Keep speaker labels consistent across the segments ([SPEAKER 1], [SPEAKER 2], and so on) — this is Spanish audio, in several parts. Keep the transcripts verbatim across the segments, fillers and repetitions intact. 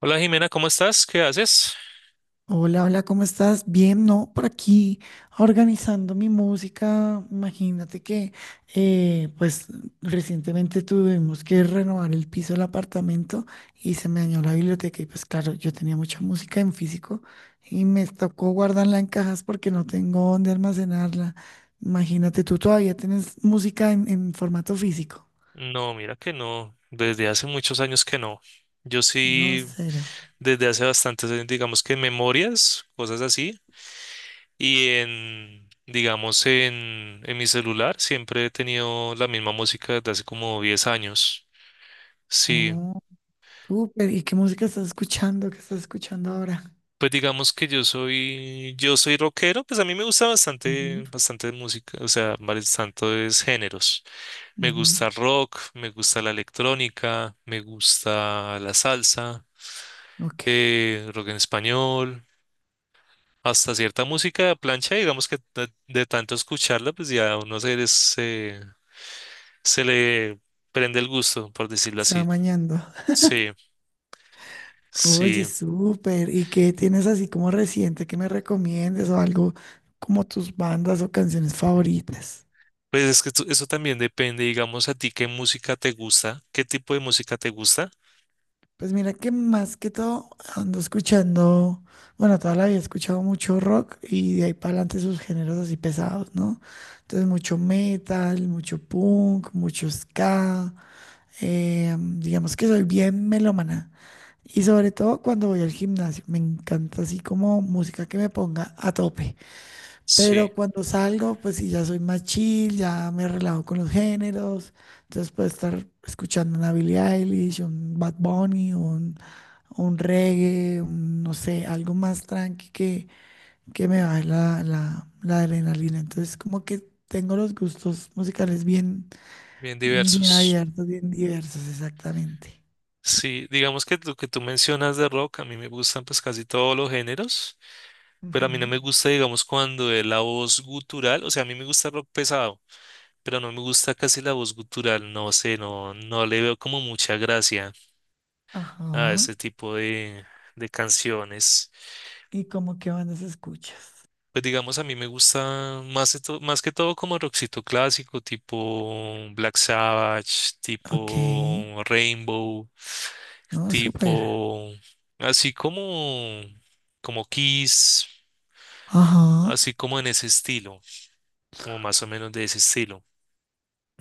[SPEAKER 1] Hola Jimena, ¿cómo estás? ¿Qué haces?
[SPEAKER 2] Hola, hola, ¿cómo estás? Bien, ¿no? Por aquí organizando mi música. Imagínate que, eh, pues, recientemente tuvimos que renovar el piso del apartamento y se me dañó la biblioteca y pues claro, yo tenía mucha música en físico y me tocó guardarla en cajas porque no tengo dónde almacenarla. Imagínate, tú todavía tienes música en, en formato físico.
[SPEAKER 1] No, mira que no, desde hace muchos años que no. Yo
[SPEAKER 2] No,
[SPEAKER 1] sí,
[SPEAKER 2] cero.
[SPEAKER 1] desde hace bastantes años, digamos que en memorias, cosas así, y en, digamos, en, en mi celular siempre he tenido la misma música desde hace como diez años. Sí,
[SPEAKER 2] Oh, súper. ¿Y qué música estás escuchando? ¿Qué estás escuchando ahora?
[SPEAKER 1] pues digamos que yo soy, yo soy rockero, pues a mí me gusta
[SPEAKER 2] Ujú,
[SPEAKER 1] bastante, bastante música, o sea, varios tantos géneros. Me
[SPEAKER 2] ujú.
[SPEAKER 1] gusta el rock, me gusta la electrónica, me gusta la salsa.
[SPEAKER 2] Ok,
[SPEAKER 1] Eh, rock en español, hasta cierta música de plancha, digamos que de, de tanto escucharla, pues ya a uno se, les- se, se le prende el gusto, por decirlo
[SPEAKER 2] se va
[SPEAKER 1] así.
[SPEAKER 2] mañando.
[SPEAKER 1] Sí,
[SPEAKER 2] Oye,
[SPEAKER 1] sí.
[SPEAKER 2] súper. ¿Y qué tienes así como reciente que me recomiendes o algo como tus bandas o canciones favoritas?
[SPEAKER 1] Pues es que tú- eso también depende, digamos, a ti qué música te gusta, qué tipo de música te gusta.
[SPEAKER 2] Pues mira que más que todo ando escuchando, bueno, toda la vida he escuchado mucho rock y de ahí para adelante sus géneros así pesados, ¿no? Entonces mucho metal, mucho punk, mucho ska. Eh, digamos que soy bien melómana. Y sobre todo cuando voy al gimnasio, me encanta así como música que me ponga a tope. Pero
[SPEAKER 1] Sí,
[SPEAKER 2] cuando salgo, pues sí, ya soy más chill, ya me relajo con los géneros. Entonces puedo estar escuchando una Billie Eilish, un Bad Bunny, un, un reggae, un, no sé, algo más tranqui que, que me baje la, la, la adrenalina. Entonces como que tengo los gustos musicales bien,
[SPEAKER 1] bien
[SPEAKER 2] bien
[SPEAKER 1] diversos.
[SPEAKER 2] abiertos, bien diversos, exactamente.
[SPEAKER 1] Sí, digamos que lo que tú mencionas de rock, a mí me gustan pues casi todos los géneros, pero a mí no
[SPEAKER 2] Ujú.
[SPEAKER 1] me gusta, digamos, cuando es la voz gutural, o sea, a mí me gusta rock pesado. Pero no me gusta casi la voz gutural, no sé, no, no le veo como mucha gracia
[SPEAKER 2] Ajá.
[SPEAKER 1] a ese tipo de, de canciones.
[SPEAKER 2] ¿Y como qué bandas escuchas?
[SPEAKER 1] Pues digamos, a mí me gusta más, de to- más que todo como rockcito clásico, tipo Black Sabbath,
[SPEAKER 2] Ok,
[SPEAKER 1] tipo Rainbow,
[SPEAKER 2] no, súper.
[SPEAKER 1] tipo así como, como Kiss,
[SPEAKER 2] Ajá,
[SPEAKER 1] así como en ese estilo, como más o menos de ese estilo.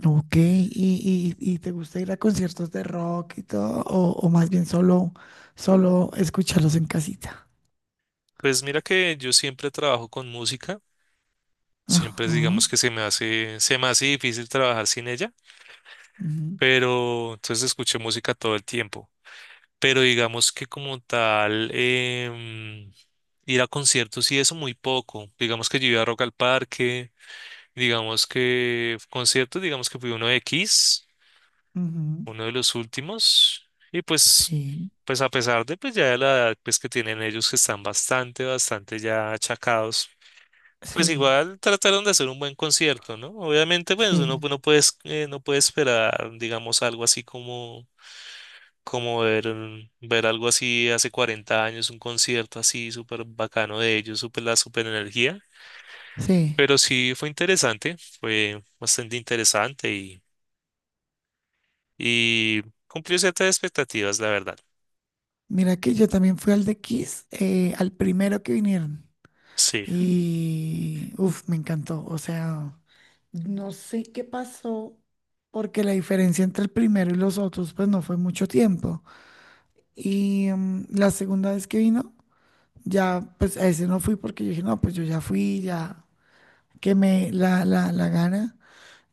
[SPEAKER 2] ok. ¿Y, y, y te gusta ir a conciertos de rock y todo? ¿O, o más bien solo, solo escucharlos en casita?
[SPEAKER 1] Pues mira que yo siempre trabajo con música. Siempre
[SPEAKER 2] Ajá,
[SPEAKER 1] digamos que se me hace, se me hace difícil trabajar sin ella,
[SPEAKER 2] ujú,
[SPEAKER 1] pero entonces escuché música todo el tiempo. Pero digamos que como tal, em, ir a conciertos y eso muy poco. Digamos que yo iba a Rock al Parque, digamos que conciertos, digamos que fui uno de Kiss,
[SPEAKER 2] ujú,
[SPEAKER 1] uno de los últimos, y pues,
[SPEAKER 2] sí,
[SPEAKER 1] pues a pesar de pues ya de la edad pues que tienen ellos que están bastante, bastante ya achacados. Pues
[SPEAKER 2] sí,
[SPEAKER 1] igual trataron de hacer un buen concierto, ¿no? Obviamente, pues uno
[SPEAKER 2] sí,
[SPEAKER 1] no puede, eh, no puede esperar, digamos, algo así como, como ver, mm, ver algo así hace cuarenta años, un concierto así súper bacano de ellos, súper la súper energía.
[SPEAKER 2] sí.
[SPEAKER 1] Pero sí fue interesante, fue bastante interesante y, y cumplió ciertas expectativas, la verdad.
[SPEAKER 2] Mira que yo también fui al de Kiss, eh, al primero que vinieron.
[SPEAKER 1] Sí,
[SPEAKER 2] Y, uff, me encantó. O sea, no sé qué pasó, porque la diferencia entre el primero y los otros, pues no fue mucho tiempo. Y mm, la segunda vez que vino, ya, pues a ese no fui porque yo dije, no, pues yo ya fui, ya quemé la, la, la gana.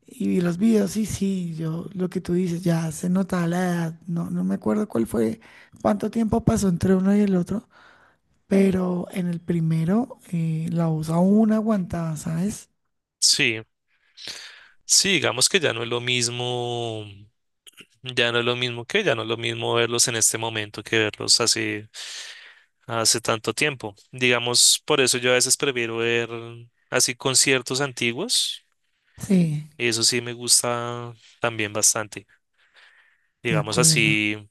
[SPEAKER 2] Y vi los videos y sí, yo, lo que tú dices, ya se notaba la edad. No, no me acuerdo cuál fue, cuánto tiempo pasó entre uno y el otro, pero en el primero, eh, la voz aún aguantaba, ¿sabes?
[SPEAKER 1] sí, sí, digamos que ya no es lo mismo, ya no es lo mismo que, ya no es lo mismo verlos en este momento que verlos hace hace tanto tiempo. Digamos, por eso yo a veces prefiero ver mm, así conciertos antiguos
[SPEAKER 2] Sí,
[SPEAKER 1] y eso sí me gusta también bastante.
[SPEAKER 2] de
[SPEAKER 1] Digamos
[SPEAKER 2] acuerdo.
[SPEAKER 1] así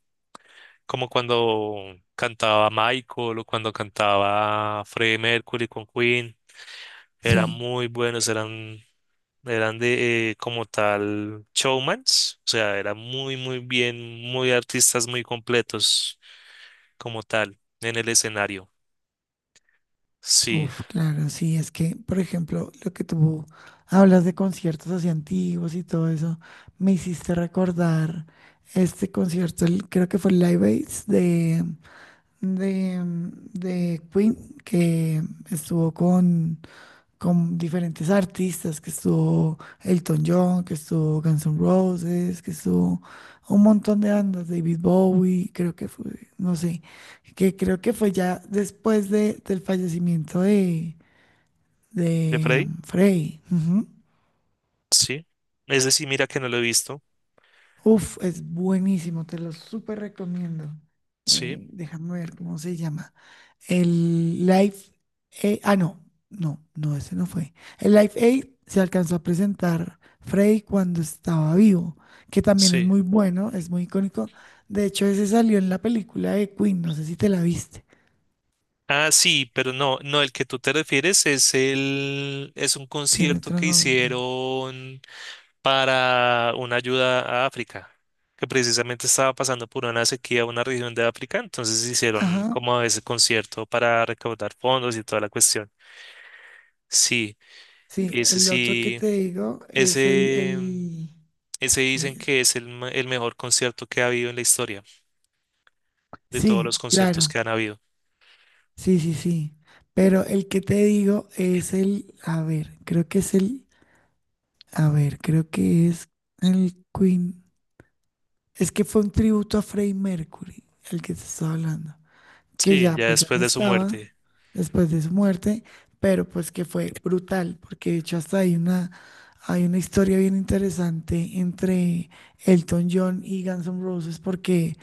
[SPEAKER 1] como cuando cantaba Michael o cuando cantaba Freddie Mercury con Queen, eran
[SPEAKER 2] Sí,
[SPEAKER 1] muy buenos, eran eran de eh, como tal showmans, o sea, eran muy muy bien, muy artistas muy completos como tal en el escenario. Sí,
[SPEAKER 2] uf, claro, sí, es que, por ejemplo, lo que tú hablas de conciertos así antiguos y todo eso, me hiciste recordar este concierto, el- creo que fue el Live Aid de, de, de Queen, que estuvo con con diferentes artistas, que estuvo Elton John, que estuvo Guns N' Roses, que estuvo un montón de bandas, David Bowie, creo que fue, no sé, que creo que fue ya después de, del fallecimiento de,
[SPEAKER 1] ¿de
[SPEAKER 2] de
[SPEAKER 1] Freddie?
[SPEAKER 2] um, Frey. Ujú.
[SPEAKER 1] Sí. Es decir, mira que no lo he visto.
[SPEAKER 2] Uf, es buenísimo, te lo súper recomiendo.
[SPEAKER 1] Sí,
[SPEAKER 2] Eh, déjame ver cómo se llama. El Live Aid, ah, no, no, no, ese no fue. El Live Aid se alcanzó a presentar Freddy cuando estaba vivo, que también es
[SPEAKER 1] sí.
[SPEAKER 2] muy bueno, es muy icónico. De hecho, ese salió en la película de Queen, no sé si te la viste,
[SPEAKER 1] Ah, sí, pero no, no, el que tú te refieres es el, es un
[SPEAKER 2] tiene
[SPEAKER 1] concierto
[SPEAKER 2] otro
[SPEAKER 1] que
[SPEAKER 2] nombre.
[SPEAKER 1] hicieron para una ayuda a África, que precisamente estaba pasando por una sequía una región de África, entonces hicieron
[SPEAKER 2] Ajá,
[SPEAKER 1] como ese concierto para recaudar fondos y toda la cuestión. Sí,
[SPEAKER 2] sí,
[SPEAKER 1] ese
[SPEAKER 2] el otro que
[SPEAKER 1] sí,
[SPEAKER 2] te digo es el,
[SPEAKER 1] ese,
[SPEAKER 2] el,
[SPEAKER 1] ese
[SPEAKER 2] es
[SPEAKER 1] dicen
[SPEAKER 2] que,
[SPEAKER 1] que es el, ma- el mejor concierto que ha habido en la historia, de todos los
[SPEAKER 2] sí,
[SPEAKER 1] conciertos
[SPEAKER 2] claro,
[SPEAKER 1] que han habido.
[SPEAKER 2] sí, sí, sí. Pero el que te digo es el, a ver, creo que es el a ver, creo que es el Queen. Es que fue un tributo a Freddie Mercury, el que te estaba hablando. Que
[SPEAKER 1] Sí,
[SPEAKER 2] ya,
[SPEAKER 1] ya
[SPEAKER 2] pues ya
[SPEAKER 1] después
[SPEAKER 2] no
[SPEAKER 1] de su
[SPEAKER 2] estaba
[SPEAKER 1] muerte.
[SPEAKER 2] después de su muerte, pero pues que fue brutal, porque de hecho hasta hay una, hay una historia bien interesante entre Elton John y Guns N' Roses, porque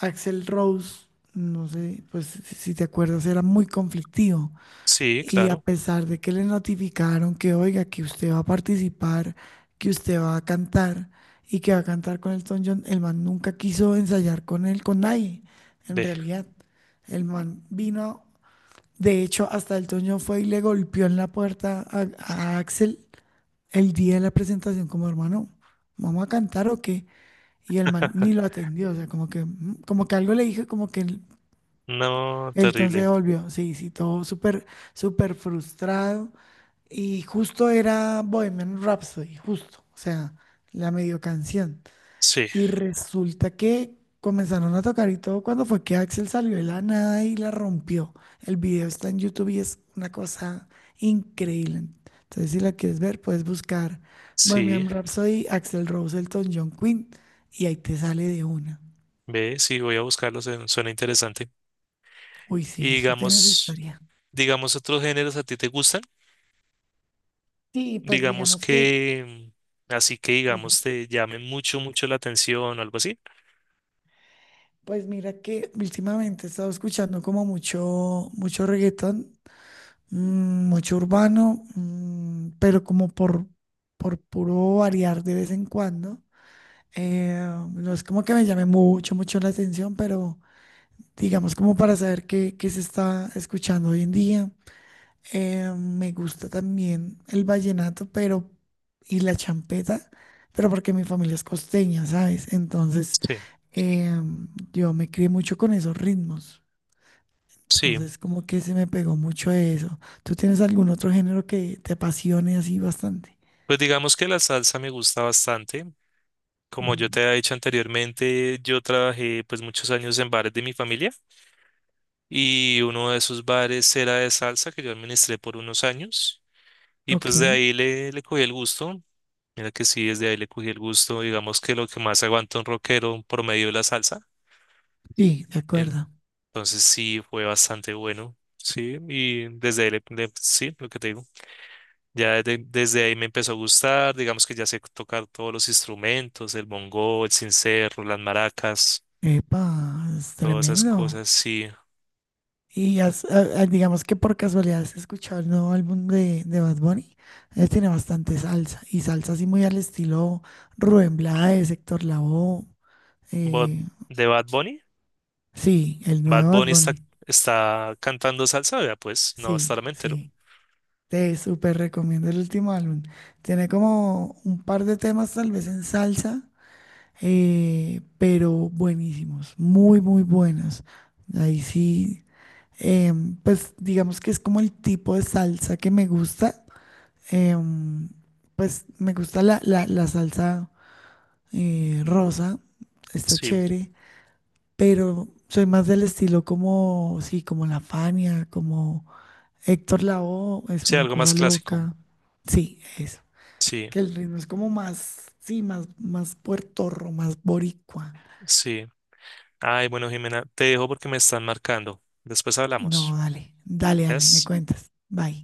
[SPEAKER 2] Axel Rose, no sé, pues si si te acuerdas, era muy conflictivo.
[SPEAKER 1] Sí,
[SPEAKER 2] Y a
[SPEAKER 1] claro.
[SPEAKER 2] pesar de que le notificaron que, oiga, que usted va a participar, que usted va a cantar y que va a cantar con Elton John, el man nunca quiso ensayar con él, con nadie, en
[SPEAKER 1] Ve.
[SPEAKER 2] realidad. El man vino, de hecho, hasta Elton John fue y le golpeó en la puerta a, a Axel el día de la presentación como hermano, ¿vamos a cantar o qué? Y el man ni lo atendió, o sea, como que, mm, como que algo le dijo, como que
[SPEAKER 1] No,
[SPEAKER 2] entonces
[SPEAKER 1] terrible.
[SPEAKER 2] volvió, sí, sí, todo súper, súper frustrado. Y justo era Bohemian Rhapsody, justo, o sea, la medio canción.
[SPEAKER 1] Sí,
[SPEAKER 2] Y resulta que comenzaron a tocar y todo cuando fue que Axel salió de la nada y la rompió. El video está en YouTube y es una cosa increíble. Entonces, si la quieres ver, puedes buscar
[SPEAKER 1] sí.
[SPEAKER 2] Bohemian Rhapsody, Axel Rose, Elton John, Queen, y ahí te sale de una.
[SPEAKER 1] Ve, sí, voy a buscarlo. se- Suena interesante.
[SPEAKER 2] Uy, sí,
[SPEAKER 1] Y
[SPEAKER 2] eso tiene su
[SPEAKER 1] digamos,
[SPEAKER 2] historia.
[SPEAKER 1] digamos otros géneros a ti te gustan.
[SPEAKER 2] Sí, pues
[SPEAKER 1] Digamos
[SPEAKER 2] digamos que...
[SPEAKER 1] que, mm, así que
[SPEAKER 2] Dime.
[SPEAKER 1] digamos te llamen mucho, mucho la atención o algo así.
[SPEAKER 2] Pues mira que últimamente he estado escuchando como mucho, mucho reggaetón, mm, mucho urbano, mm, pero como por, por puro variar de vez en cuando. Eh, no es como que me llame mucho, mucho la atención, pero digamos como para saber qué, qué se está escuchando hoy en día. Eh, me gusta también el vallenato, pero y la champeta, pero porque mi familia es costeña, ¿sabes? Entonces,
[SPEAKER 1] Sí,
[SPEAKER 2] em, yo me crié mucho con esos ritmos.
[SPEAKER 1] sí.
[SPEAKER 2] Entonces, como que se me pegó mucho eso. ¿Tú tienes algún otro género que te apasione así bastante?
[SPEAKER 1] Pues digamos que la salsa me gusta bastante. Como yo
[SPEAKER 2] Mm,
[SPEAKER 1] te he dicho anteriormente, yo trabajé pues muchos años en bares de mi familia. Y uno de esos bares era de salsa que yo administré por unos años y
[SPEAKER 2] ok,
[SPEAKER 1] pues de ahí le, le cogí el gusto. Mira que sí, desde ahí le cogí el gusto, digamos que lo que más aguanta un rockero promedio es la salsa.
[SPEAKER 2] sí, de acuerdo.
[SPEAKER 1] Entonces sí, fue bastante bueno, sí, y desde ahí, le, le- sí, lo que te digo, ya de- desde ahí me empezó a gustar, digamos que ya sé tocar todos los instrumentos, el bongo, el sincero, las maracas,
[SPEAKER 2] Epa, es
[SPEAKER 1] todas esas
[SPEAKER 2] tremendo.
[SPEAKER 1] cosas, sí.
[SPEAKER 2] Y has- a- a- digamos que por casualidad has escuchado el nuevo álbum de, de Bad Bunny. Él tiene bastante salsa y salsa así muy al estilo Rubén Blades, Héctor Lavoe.
[SPEAKER 1] Bad-
[SPEAKER 2] eh,
[SPEAKER 1] ¿De Bad Bunny?
[SPEAKER 2] sí, el
[SPEAKER 1] Bad
[SPEAKER 2] nuevo Bad
[SPEAKER 1] Bunny está,
[SPEAKER 2] Bunny.
[SPEAKER 1] está cantando salsa, vea, pues no, hasta
[SPEAKER 2] Sí,
[SPEAKER 1] ahora me entero.
[SPEAKER 2] sí. Te súper recomiendo el último álbum. Tiene como un par de temas, tal vez en salsa, eh, pero buenísimos, muy, muy buenos. Ahí sí, em, pues digamos que es como el tipo de salsa que me gusta. Em, pues me gusta la, la- la salsa eh, rosa, está
[SPEAKER 1] Sí,
[SPEAKER 2] chévere, pero soy más del estilo como, sí, como La Fania, como Héctor Lavoe, es
[SPEAKER 1] sí,
[SPEAKER 2] una
[SPEAKER 1] algo más
[SPEAKER 2] cosa
[SPEAKER 1] clásico.
[SPEAKER 2] loca. Sí, eso.
[SPEAKER 1] Sí,
[SPEAKER 2] Que el ritmo es como más, sí, más, más puertorro, más boricua.
[SPEAKER 1] sí. Ay, bueno, Jimena, te dejo porque me están marcando. Después
[SPEAKER 2] No,
[SPEAKER 1] hablamos.
[SPEAKER 2] dale, dale, dale, me
[SPEAKER 1] ¿Ves?
[SPEAKER 2] cuentas. Bye.